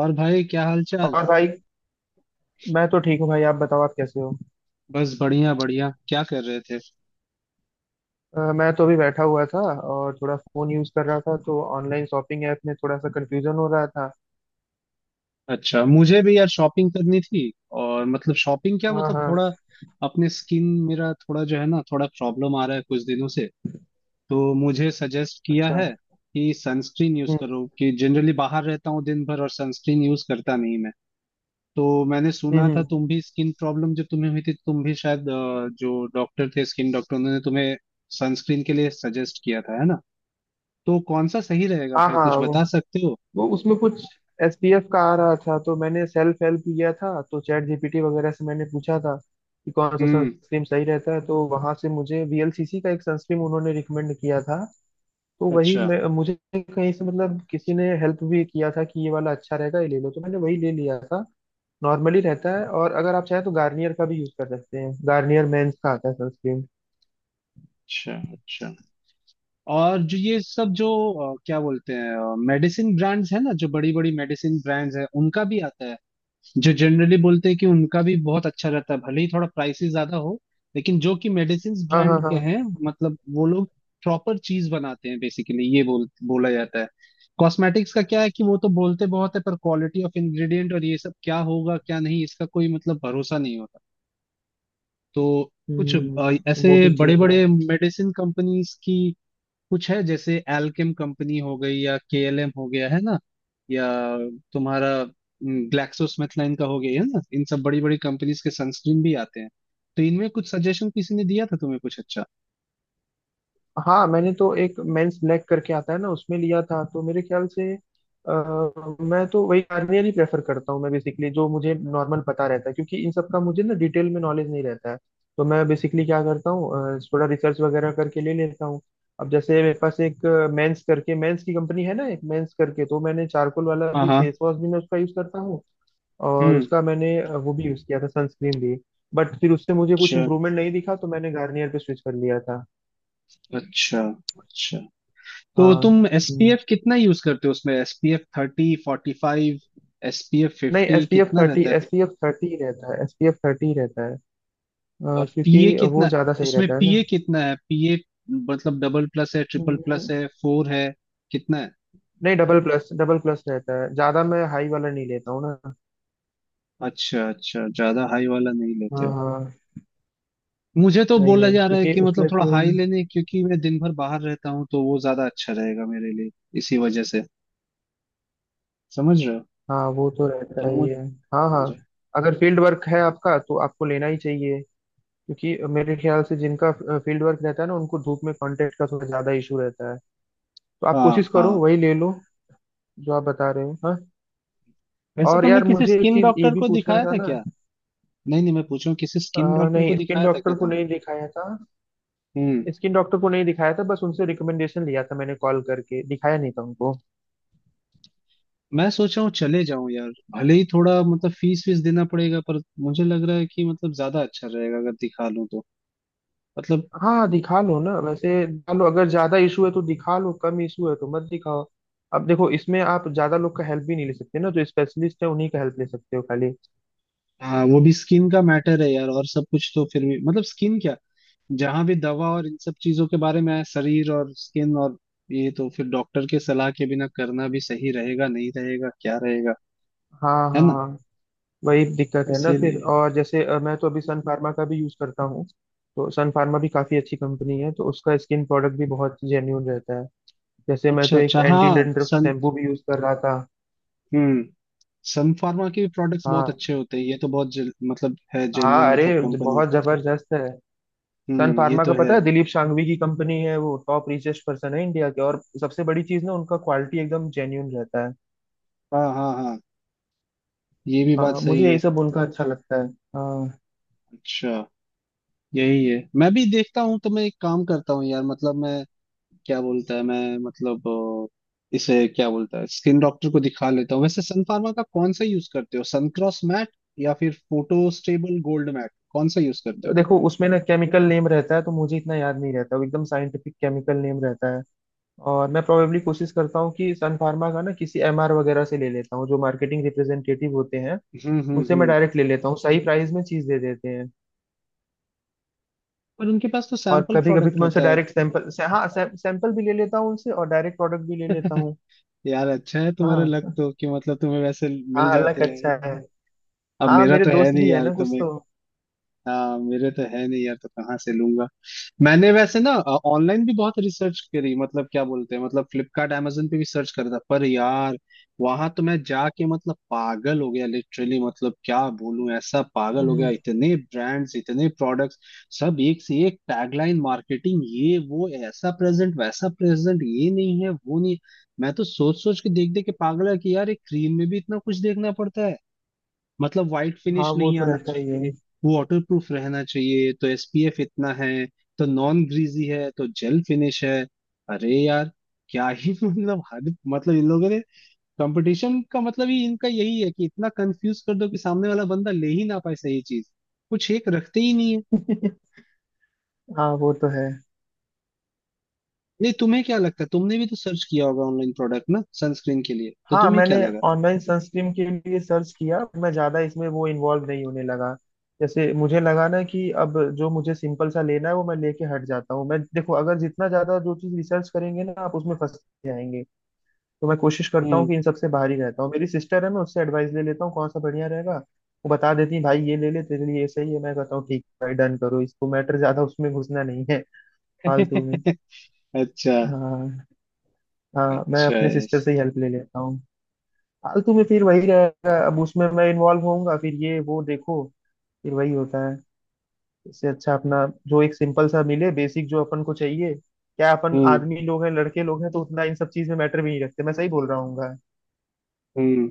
और भाई, क्या हाल चाल? और भाई। मैं तो ठीक हूँ भाई, आप बताओ, आप कैसे हो। बस बढ़िया बढ़िया। क्या कर रहे थे? मैं तो अभी बैठा हुआ था और थोड़ा फोन यूज कर रहा था, तो ऑनलाइन शॉपिंग ऐप में थोड़ा सा कंफ्यूजन हो रहा था। अच्छा, मुझे भी यार शॉपिंग करनी थी। और मतलब शॉपिंग क्या, हाँ मतलब हाँ। थोड़ा अपने स्किन, मेरा थोड़ा जो है ना, थोड़ा प्रॉब्लम आ रहा है कुछ दिनों से। तो मुझे सजेस्ट किया अच्छा। है कि सनस्क्रीन यूज हम्म करो। कि जनरली बाहर रहता हूँ दिन भर और सनस्क्रीन यूज करता नहीं मैं। तो मैंने हम्म सुना था हम्म। तुम भी स्किन प्रॉब्लम जब तुम्हें हुई थी तो तुम भी शायद जो डॉक्टर थे स्किन डॉक्टर उन्होंने तुम्हें सनस्क्रीन के लिए सजेस्ट किया था, है ना? तो कौन सा सही रहेगा हाँ भाई, हाँ, कुछ वो बता सकते हो? वो उसमें कुछ एसपीएफ का आ रहा था, तो मैंने सेल्फ हेल्प लिया था, तो चैट जीपीटी वगैरह से मैंने पूछा था कि कौन सा हम्म। सनस्क्रीन सही रहता है, तो वहां से मुझे वीएलसीसी का एक सनस्क्रीन उन्होंने रिकमेंड किया था। तो वही अच्छा, मैं मुझे कहीं से मतलब किसी ने हेल्प भी किया था कि ये वाला अच्छा रहेगा, ये ले लो, तो मैंने वही ले लिया था। नॉर्मली रहता है, और अगर आप चाहें तो गार्नियर का भी यूज कर सकते हैं, गार्नियर मेंस का आता है सनस्क्रीन। अच्छा, अच्छा। और जो ये सब जो क्या बोलते हैं, मेडिसिन ब्रांड्स है ना, जो बड़ी बड़ी मेडिसिन ब्रांड्स है उनका भी आता है। जो जनरली बोलते हैं कि उनका भी बहुत अच्छा रहता है भले ही थोड़ा प्राइसेस ज्यादा हो, लेकिन जो कि मेडिसिन हाँ ब्रांड हाँ के हाँ। हैं। मतलब वो लोग प्रॉपर चीज बनाते हैं बेसिकली, ये बोला जाता है। कॉस्मेटिक्स का क्या है कि वो तो बोलते बहुत है, पर क्वालिटी ऑफ इंग्रेडिएंट और ये सब क्या होगा क्या नहीं, इसका कोई मतलब भरोसा नहीं होता। तो कुछ ऐसे वो भी बड़े चीज है। बड़े मेडिसिन कंपनीज की कुछ है, जैसे एल्केम कंपनी हो गई, या केएलएम हो गया, है ना? या तुम्हारा ग्लैक्सोस्मिथलाइन का हो गया, है ना? इन सब बड़ी बड़ी कंपनीज के सनस्क्रीन भी आते हैं। तो इनमें कुछ सजेशन किसी ने दिया था तुम्हें कुछ अच्छा? हाँ, मैंने तो एक मेंस ब्लैक करके आता है ना, उसमें लिया था, तो मेरे ख्याल से मैं तो वही गार्नियर ही प्रेफर करता हूँ। मैं बेसिकली जो मुझे नॉर्मल पता रहता है, क्योंकि इन सब का मुझे ना डिटेल में नॉलेज नहीं रहता है, तो मैं बेसिकली क्या करता हूँ, थोड़ा रिसर्च वगैरह करके ले लेता हूँ। अब जैसे मेरे पास एक मेंस करके, मेंस की कंपनी है ना एक मेंस करके, तो मैंने चारकोल वाला हाँ भी हाँ। फेस वॉश भी मैं उसका यूज करता हूँ। और हम्म। उसका मैंने वो भी यूज़ किया था, सनस्क्रीन भी। बट फिर उससे मुझे कुछ अच्छा, इम्प्रूवमेंट नहीं दिखा, तो मैंने गार्नियर पे स्विच कर लिया था। अच्छा, अच्छा। तो हाँ। तुम हम्म। एसपीएफ कितना यूज करते हो, उसमें SPF thirty, forty, five? SPF नहीं, फिफ्टी एस पी एफ कितना थर्टी, रहता है? एस पी एफ थर्टी ही रहता है, एस पी एफ थर्टी ही रहता है। और पीए क्योंकि वो कितना, ज़्यादा सही उसमें रहता है ना। पीए कितना है, पीए? मतलब डबल प्लस है, ट्रिपल प्लस हम्म, है, फोर है, कितना है? नहीं, डबल प्लस, डबल प्लस रहता है, ज़्यादा मैं हाई वाला नहीं लेता हूँ ना। अच्छा अच्छा, ज्यादा हाई वाला नहीं लेते हाँ हो। हाँ। मुझे तो नहीं बोला नहीं, जा रहा है क्योंकि कि मतलब उसमें थोड़ा फिर। हाई लेने, क्योंकि मैं दिन भर बाहर रहता हूँ तो वो ज्यादा अच्छा रहेगा मेरे लिए। इसी वजह से। समझ रहे हो? हाँ वो तो तो रहता ही है। हाँ हाँ। मुझे। अगर फील्ड वर्क है आपका, तो आपको लेना ही चाहिए, क्योंकि मेरे ख्याल से जिनका फील्ड वर्क रहता है ना, उनको धूप में कांटेक्ट का थोड़ा ज्यादा इशू रहता है। तो आप कोशिश हाँ करो हाँ। वही ले लो, जो आप बता रहे हो। हाँ। वैसे और तुमने यार किसी मुझे एक स्किन चीज ये डॉक्टर भी को पूछना दिखाया था था ना। क्या? नहीं नहीं, मैं पूछ रहा हूँ किसी स्किन डॉक्टर को नहीं, स्किन दिखाया था क्या डॉक्टर को तुमने? नहीं दिखाया था। स्किन डॉक्टर को नहीं दिखाया था, बस उनसे रिकमेंडेशन लिया था मैंने, कॉल करके दिखाया नहीं था उनको। मैं सोच रहा हूँ चले जाऊं यार, भले ही थोड़ा मतलब फीस वीस देना पड़ेगा, पर मुझे लग रहा है कि मतलब ज्यादा अच्छा रहेगा अगर दिखा लूं तो। मतलब। हाँ दिखा लो ना, वैसे दिखा लो, अगर ज्यादा इशू है तो दिखा लो, कम इशू है तो मत दिखाओ। अब देखो इसमें आप ज्यादा लोग का हेल्प भी नहीं ले सकते ना, जो स्पेशलिस्ट है उन्हीं का हेल्प ले सकते हो खाली। हाँ, वो भी स्किन का मैटर है यार, और सब कुछ तो फिर भी, मतलब स्किन क्या, जहां भी दवा और इन सब चीजों के बारे में है, शरीर और स्किन और, ये तो फिर डॉक्टर के सलाह के बिना करना भी सही रहेगा नहीं रहेगा क्या रहेगा, हाँ है हाँ ना? हाँ। वही दिक्कत है ना फिर, इसीलिए। और जैसे मैं तो अभी सन फार्मा का भी यूज करता हूँ। तो सन फार्मा भी काफी अच्छी कंपनी है, तो उसका स्किन प्रोडक्ट भी बहुत जेन्यून रहता है। जैसे मैं अच्छा तो एक अच्छा। एंटी हाँ, डंड्रफ सन। शैम्पू भी यूज कर रहा था। हम्म। सन फार्मा के भी प्रोडक्ट्स बहुत हाँ अच्छे होते हैं, ये तो बहुत मतलब है हाँ। जेन्युइन अरे, मतलब कंपनी। बहुत जबरदस्त है। सन हम्म, ये फार्मा तो का पता है। है, दिलीप शांघवी की कंपनी है, वो टॉप रिचेस्ट पर्सन है इंडिया के, और सबसे बड़ी चीज ना उनका क्वालिटी एकदम जेन्यून रहता है। हाँ हाँ हाँ, ये भी बात हाँ, मुझे सही यही है। सब उनका अच्छा लगता है। हाँ। अच्छा। यही है, मैं भी देखता हूँ। तो मैं एक काम करता हूँ यार, मतलब मैं क्या बोलता है, मैं मतलब इसे क्या बोलता है, स्किन डॉक्टर को दिखा लेता हूँ। वैसे सन फार्मा का कौन सा यूज करते हो, सनक्रॉस मैट या फिर फोटो स्टेबल गोल्ड मैट, कौन सा यूज करते हो? देखो उसमें ना केमिकल नेम रहता है, तो मुझे इतना याद नहीं रहता, वो एकदम साइंटिफिक केमिकल नेम रहता है। और मैं प्रोबेबली कोशिश करता हूँ कि सन फार्मा का ना किसी एमआर वगैरह से ले लेता हूँ, जो मार्केटिंग रिप्रेजेंटेटिव होते हैं। उनसे मैं हम्म। डायरेक्ट ले लेता हूँ, सही प्राइस में चीज दे देते हैं। पर उनके पास तो और सैंपल कभी कभी तो प्रोडक्ट मैं उनसे होता है। डायरेक्ट सैंपल से, हाँ सैंपल भी ले लेता हूँ उनसे, और डायरेक्ट प्रोडक्ट भी ले लेता हूँ। यार अच्छा है तुम्हारा लक हाँ तो, कि मतलब तुम्हें वैसे हाँ मिल जाते अलग हैं अच्छा है। यार। अब हाँ मेरा मेरे तो है दोस्त नहीं भी है यार, ना कुछ तुम्हें। तो। हाँ, मेरे तो है नहीं यार, तो कहाँ से लूंगा। मैंने वैसे ना ऑनलाइन भी बहुत रिसर्च करी, मतलब क्या बोलते हैं, मतलब फ्लिपकार्ट amazon पे भी सर्च करा था, पर यार वहां तो मैं जाके मतलब पागल हो गया लिटरली, मतलब क्या बोलूं, ऐसा पागल हो गया, हम्म, इतने ब्रांड्स, इतने प्रोडक्ट्स, सब एक से एक टैगलाइन मार्केटिंग, ये वो, ऐसा प्रेजेंट वैसा प्रेजेंट, ये नहीं है वो नहीं। मैं तो सोच सोच के, देख देख के पागल है कि यार एक क्रीम में भी इतना कुछ देखना पड़ता है। मतलब वाइट हाँ फिनिश वो नहीं तो आना रहता ही है। चाहिए, वाटर प्रूफ रहना चाहिए, तो एसपीएफ इतना है, तो नॉन ग्रीजी है, तो जेल फिनिश है। अरे यार, क्या ही मतलब हद, मतलब इन लोगों ने कंपटीशन का मतलब ही इनका यही है कि इतना कंफ्यूज कर दो कि सामने वाला बंदा ले ही ना पाए सही चीज। कुछ एक रखते ही नहीं है। हाँ वो तो है। नहीं, तुम्हें क्या लगता है, तुमने भी तो सर्च किया होगा ऑनलाइन प्रोडक्ट ना सनस्क्रीन के लिए, तो हाँ, तुम्हें मैंने क्या लगा? ऑनलाइन सनस्क्रीन के लिए सर्च किया, मैं ज़्यादा इसमें वो इन्वॉल्व नहीं होने लगा। जैसे मुझे लगा ना कि अब जो मुझे सिंपल सा लेना है, वो मैं लेके हट जाता हूँ। मैं देखो अगर जितना ज़्यादा जो चीज़ रिसर्च करेंगे ना आप, उसमें फंस जाएंगे। तो मैं कोशिश करता हूँ हम्म। कि इन सबसे बाहर ही रहता हूँ, मेरी सिस्टर है, मैं उससे एडवाइस ले लेता हूँ कौन सा बढ़िया रहेगा। वो बता देती है भाई ये ले ले, तेरे लिए ये सही है, मैं कहता हूँ ठीक है भाई डन करो इसको, मैटर ज़्यादा उसमें घुसना नहीं है। फालतू में। अच्छा हाँ। हाँ मैं अच्छा, अपने सिस्टर yes. से ही हेल्प ले लेता हूँ। फालतू में फिर वही रहेगा, अब उसमें मैं इन्वॉल्व होऊंगा, फिर ये वो देखो, फिर वही होता है। इससे अच्छा अपना जो एक सिंपल सा मिले, बेसिक जो अपन को चाहिए, क्या अपन हम्म आदमी लोग हैं, लड़के लोग हैं, तो उतना इन सब चीज में मैटर भी नहीं रखते, मैं सही बोल रहा हूँ। हम्म।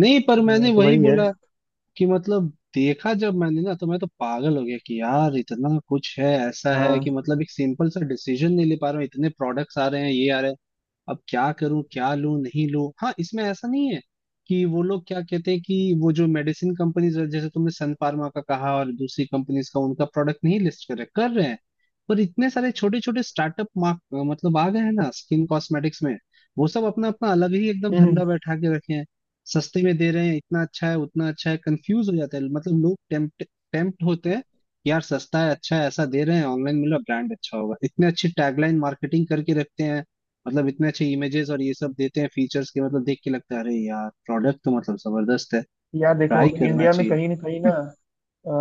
नहीं पर मैंने तो वही वही है। बोला कि मतलब देखा जब मैंने ना, तो मैं तो पागल हो गया कि यार इतना कुछ है, ऐसा है हाँ। कि मतलब एक सिंपल सा डिसीजन नहीं ले पा रहा हूँ, इतने प्रोडक्ट्स आ रहे हैं, ये आ रहे हैं, अब क्या करूं, क्या लूं नहीं लूं। हाँ, इसमें ऐसा नहीं है कि वो लोग क्या कहते हैं कि, वो जो मेडिसिन कंपनीज, जैसे तुमने सन फार्मा का कहा और दूसरी कंपनीज का, उनका प्रोडक्ट नहीं लिस्ट कर रहे हैं, पर इतने सारे छोटे छोटे स्टार्टअप मार्क मतलब आ गए हैं ना स्किन कॉस्मेटिक्स में। वो सब अपना अपना अलग ही एकदम हम्म, धंधा बैठा के रखे हैं, सस्ते में दे रहे हैं, इतना अच्छा है उतना अच्छा है, कंफ्यूज हो जाता है, मतलब लोग टेम्प्ट टेम्प्ट होते हैं। यार सस्ता है, अच्छा है, ऐसा दे रहे हैं, ऑनलाइन मिला ब्रांड अच्छा होगा, इतने अच्छी टैगलाइन मार्केटिंग करके रखते हैं, मतलब इतने अच्छे इमेजेस और ये सब देते हैं फीचर्स के, मतलब देख के लगता है अरे यार प्रोडक्ट तो मतलब जबरदस्त है, यार देखो ट्राई करना इंडिया में चाहिए। कहीं ना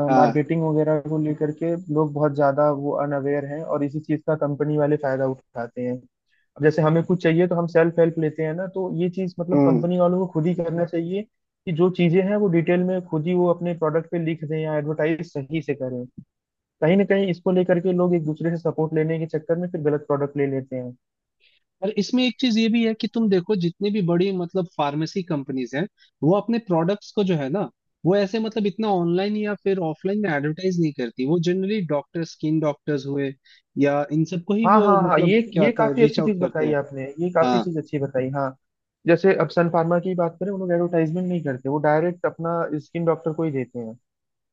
हाँ। मार्केटिंग वगैरह को लेकर के लोग बहुत ज्यादा वो अनअवेयर हैं, और इसी चीज का कंपनी वाले फायदा उठाते हैं। अब जैसे हमें कुछ चाहिए तो हम सेल्फ हेल्प लेते हैं ना, तो ये चीज मतलब हम्म। कंपनी वालों को खुद ही करना चाहिए कि जो चीजें हैं वो डिटेल में खुद ही वो अपने प्रोडक्ट पे लिख दें, या एडवर्टाइज सही से करें। कहीं ना कहीं इसको लेकर के लोग एक दूसरे से सपोर्ट लेने के चक्कर में फिर गलत प्रोडक्ट ले लेते हैं। और इसमें एक चीज ये भी है कि तुम देखो, जितनी भी बड़ी मतलब फार्मेसी कंपनीज हैं, वो अपने प्रोडक्ट्स को जो है ना, वो ऐसे मतलब इतना ऑनलाइन या फिर ऑफलाइन में एडवर्टाइज नहीं करती, वो जनरली डॉक्टर, स्किन डॉक्टर्स हुए, या इन सबको ही हाँ वो हाँ हाँ, मतलब क्या ये होता है, काफी रीच अच्छी आउट चीज करते बताई हैं। आपने, ये काफी हाँ, चीज अच्छी बताई। हाँ, जैसे अब सन फार्मा की बात करें, वो लोग एडवर्टाइजमेंट नहीं करते, वो डायरेक्ट अपना स्किन डॉक्टर को ही देते हैं।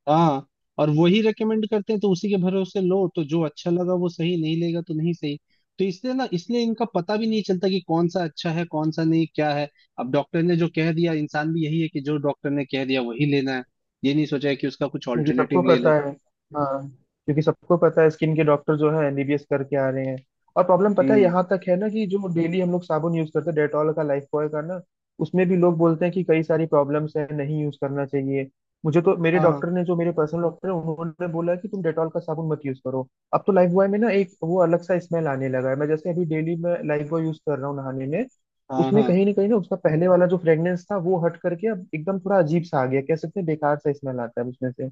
हाँ। और वही रेकमेंड करते हैं, तो उसी के भरोसे लो तो जो अच्छा लगा वो सही नहीं लेगा तो नहीं सही। तो इसलिए ना, इसलिए इनका पता भी नहीं चलता कि कौन सा अच्छा है, कौन सा नहीं, क्या है। अब डॉक्टर ने जो कह दिया, इंसान भी यही है कि जो डॉक्टर ने कह दिया वही लेना है, ये नहीं सोचा है कि उसका कुछ क्योंकि सबको ऑल्टरनेटिव ले पता लो। है। हाँ। क्योंकि सबको पता है, स्किन के डॉक्टर जो है एमबीबीएस करके आ रहे हैं। और प्रॉब्लम पता है हम्म। यहाँ तक है ना कि जो डेली हम लोग साबुन यूज करते हैं, डेटॉल का, लाइफ बॉय का ना, उसमें भी लोग बोलते हैं कि कई सारी प्रॉब्लम्स है, नहीं यूज करना चाहिए। मुझे तो मेरे हाँ डॉक्टर ने, जो मेरे पर्सनल डॉक्टर है, उन्होंने बोला कि तुम डेटॉल का साबुन मत यूज करो। अब तो लाइफ बॉय में ना एक वो अलग सा स्मेल आने लगा है, मैं जैसे अभी डेली मैं लाइफ बॉय यूज कर रहा हूँ नहाने में, हाँ उसमें हाँ। कहीं ना उसका पहले वाला जो फ्रेग्रेंस था वो हट करके अब एकदम थोड़ा अजीब सा आ गया, कह सकते हैं बेकार सा स्मेल आता है उसमें से।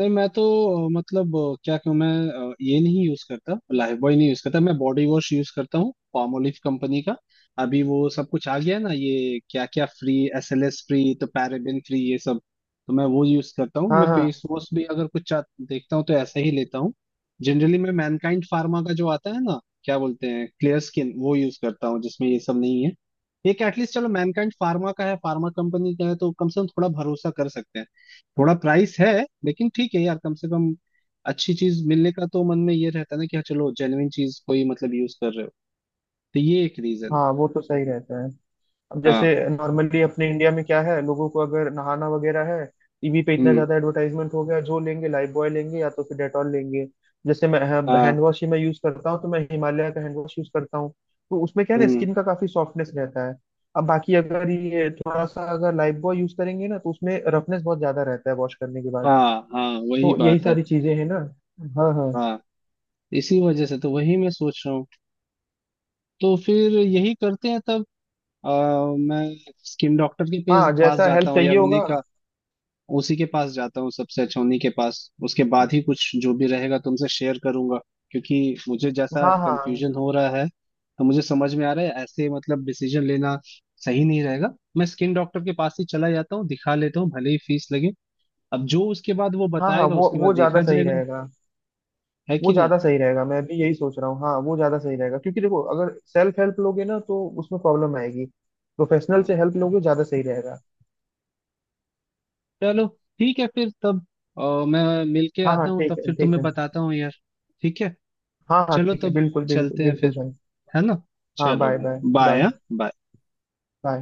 नहीं मैं तो मतलब क्या कहूँ मैं, ये नहीं यूज करता, लाइफ बॉय नहीं यूज करता मैं, बॉडी वॉश यूज करता हूँ, पामोलिव कंपनी का। अभी वो सब कुछ आ गया है ना, ये क्या क्या free, S L S free तो पैराबेन फ्री, ये सब। तो मैं वो यूज करता हूँ। हाँ मैं फेस हाँ। वॉश भी अगर कुछ देखता हूँ तो ऐसा ही लेता हूँ। जनरली मैं मैनकाइंड फार्मा का जो आता है ना, क्या बोलते हैं, क्लियर स्किन वो यूज करता हूँ, जिसमें ये सब नहीं है। एक एटलीस्ट चलो मैनकाइंड फार्मा का है, फार्मा कंपनी का है तो कम से कम थोड़ा भरोसा कर सकते हैं। थोड़ा प्राइस है, लेकिन ठीक है यार, कम से कम अच्छी चीज मिलने का तो मन में ये रहता है ना कि हाँ चलो जेन्युइन चीज कोई मतलब यूज कर रहे हो। तो ये एक रीजन है। हाँ वो तो सही रहता है। अब हाँ। जैसे नॉर्मली अपने इंडिया में क्या है, लोगों को अगर नहाना वगैरह है, टीवी पे इतना हम्म। ज्यादा एडवर्टाइजमेंट हो गया, जो लेंगे लाइफ बॉय लेंगे, या तो फिर डेटॉल लेंगे। जैसे मैं हाँ, हाँ। हैंड वॉश ही मैं यूज करता हूँ, तो मैं हिमालय का हैंड वॉश यूज करता हूँ। तो उसमें क्या है ना, हम्म। स्किन का काफी सॉफ्टनेस रहता है। अब बाकी अगर ये थोड़ा सा अगर लाइफ बॉय यूज करेंगे ना, तो उसमें रफनेस बहुत ज्यादा रहता है वॉश करने के बाद। हाँ हाँ वही तो यही बात है। सारी चीजें हैं ना। हाँ हाँ। हाँ। इसी वजह से तो वही मैं सोच रहा हूँ। तो फिर यही करते हैं तब। आ, मैं स्किन डॉक्टर के हाँ पास जैसा जाता हेल्प हूँ यार, चाहिए उन्हीं होगा। का, उसी के पास जाता हूँ, सबसे अच्छा उन्हीं के पास। उसके बाद ही कुछ जो भी रहेगा तुमसे शेयर करूंगा। क्योंकि मुझे जैसा हाँ हाँ कंफ्यूजन हो रहा है, तो मुझे समझ में आ रहा है ऐसे मतलब डिसीजन लेना सही नहीं रहेगा। मैं स्किन डॉक्टर के पास ही चला जाता हूँ, दिखा लेता हूँ, भले ही फीस लगे। अब जो उसके बाद वो हाँ। हाँ बताएगा उसके बाद वो ज्यादा देखा सही जाएगा, रहेगा, है वो कि नहीं। ज्यादा सही रहेगा, मैं भी यही सोच रहा हूँ, हाँ वो ज्यादा सही रहेगा, क्योंकि देखो अगर सेल्फ हेल्प लोगे ना तो उसमें प्रॉब्लम आएगी, प्रोफेशनल हम्म। से हेल्प लोगे ज्यादा सही रहेगा। चलो, ठीक है फिर तब। मैं मिल के हाँ हाँ आता हूँ, तब ठीक है, फिर ठीक तुम्हें है। बताता हूँ यार। ठीक है। हाँ हाँ चलो ठीक है, तब। बिल्कुल बिल्कुल चलते हैं बिल्कुल फिर। भाई। है ना? हाँ, चलो बाय भाई। बाय। बाय। बाय। हाँ बाय। बाय।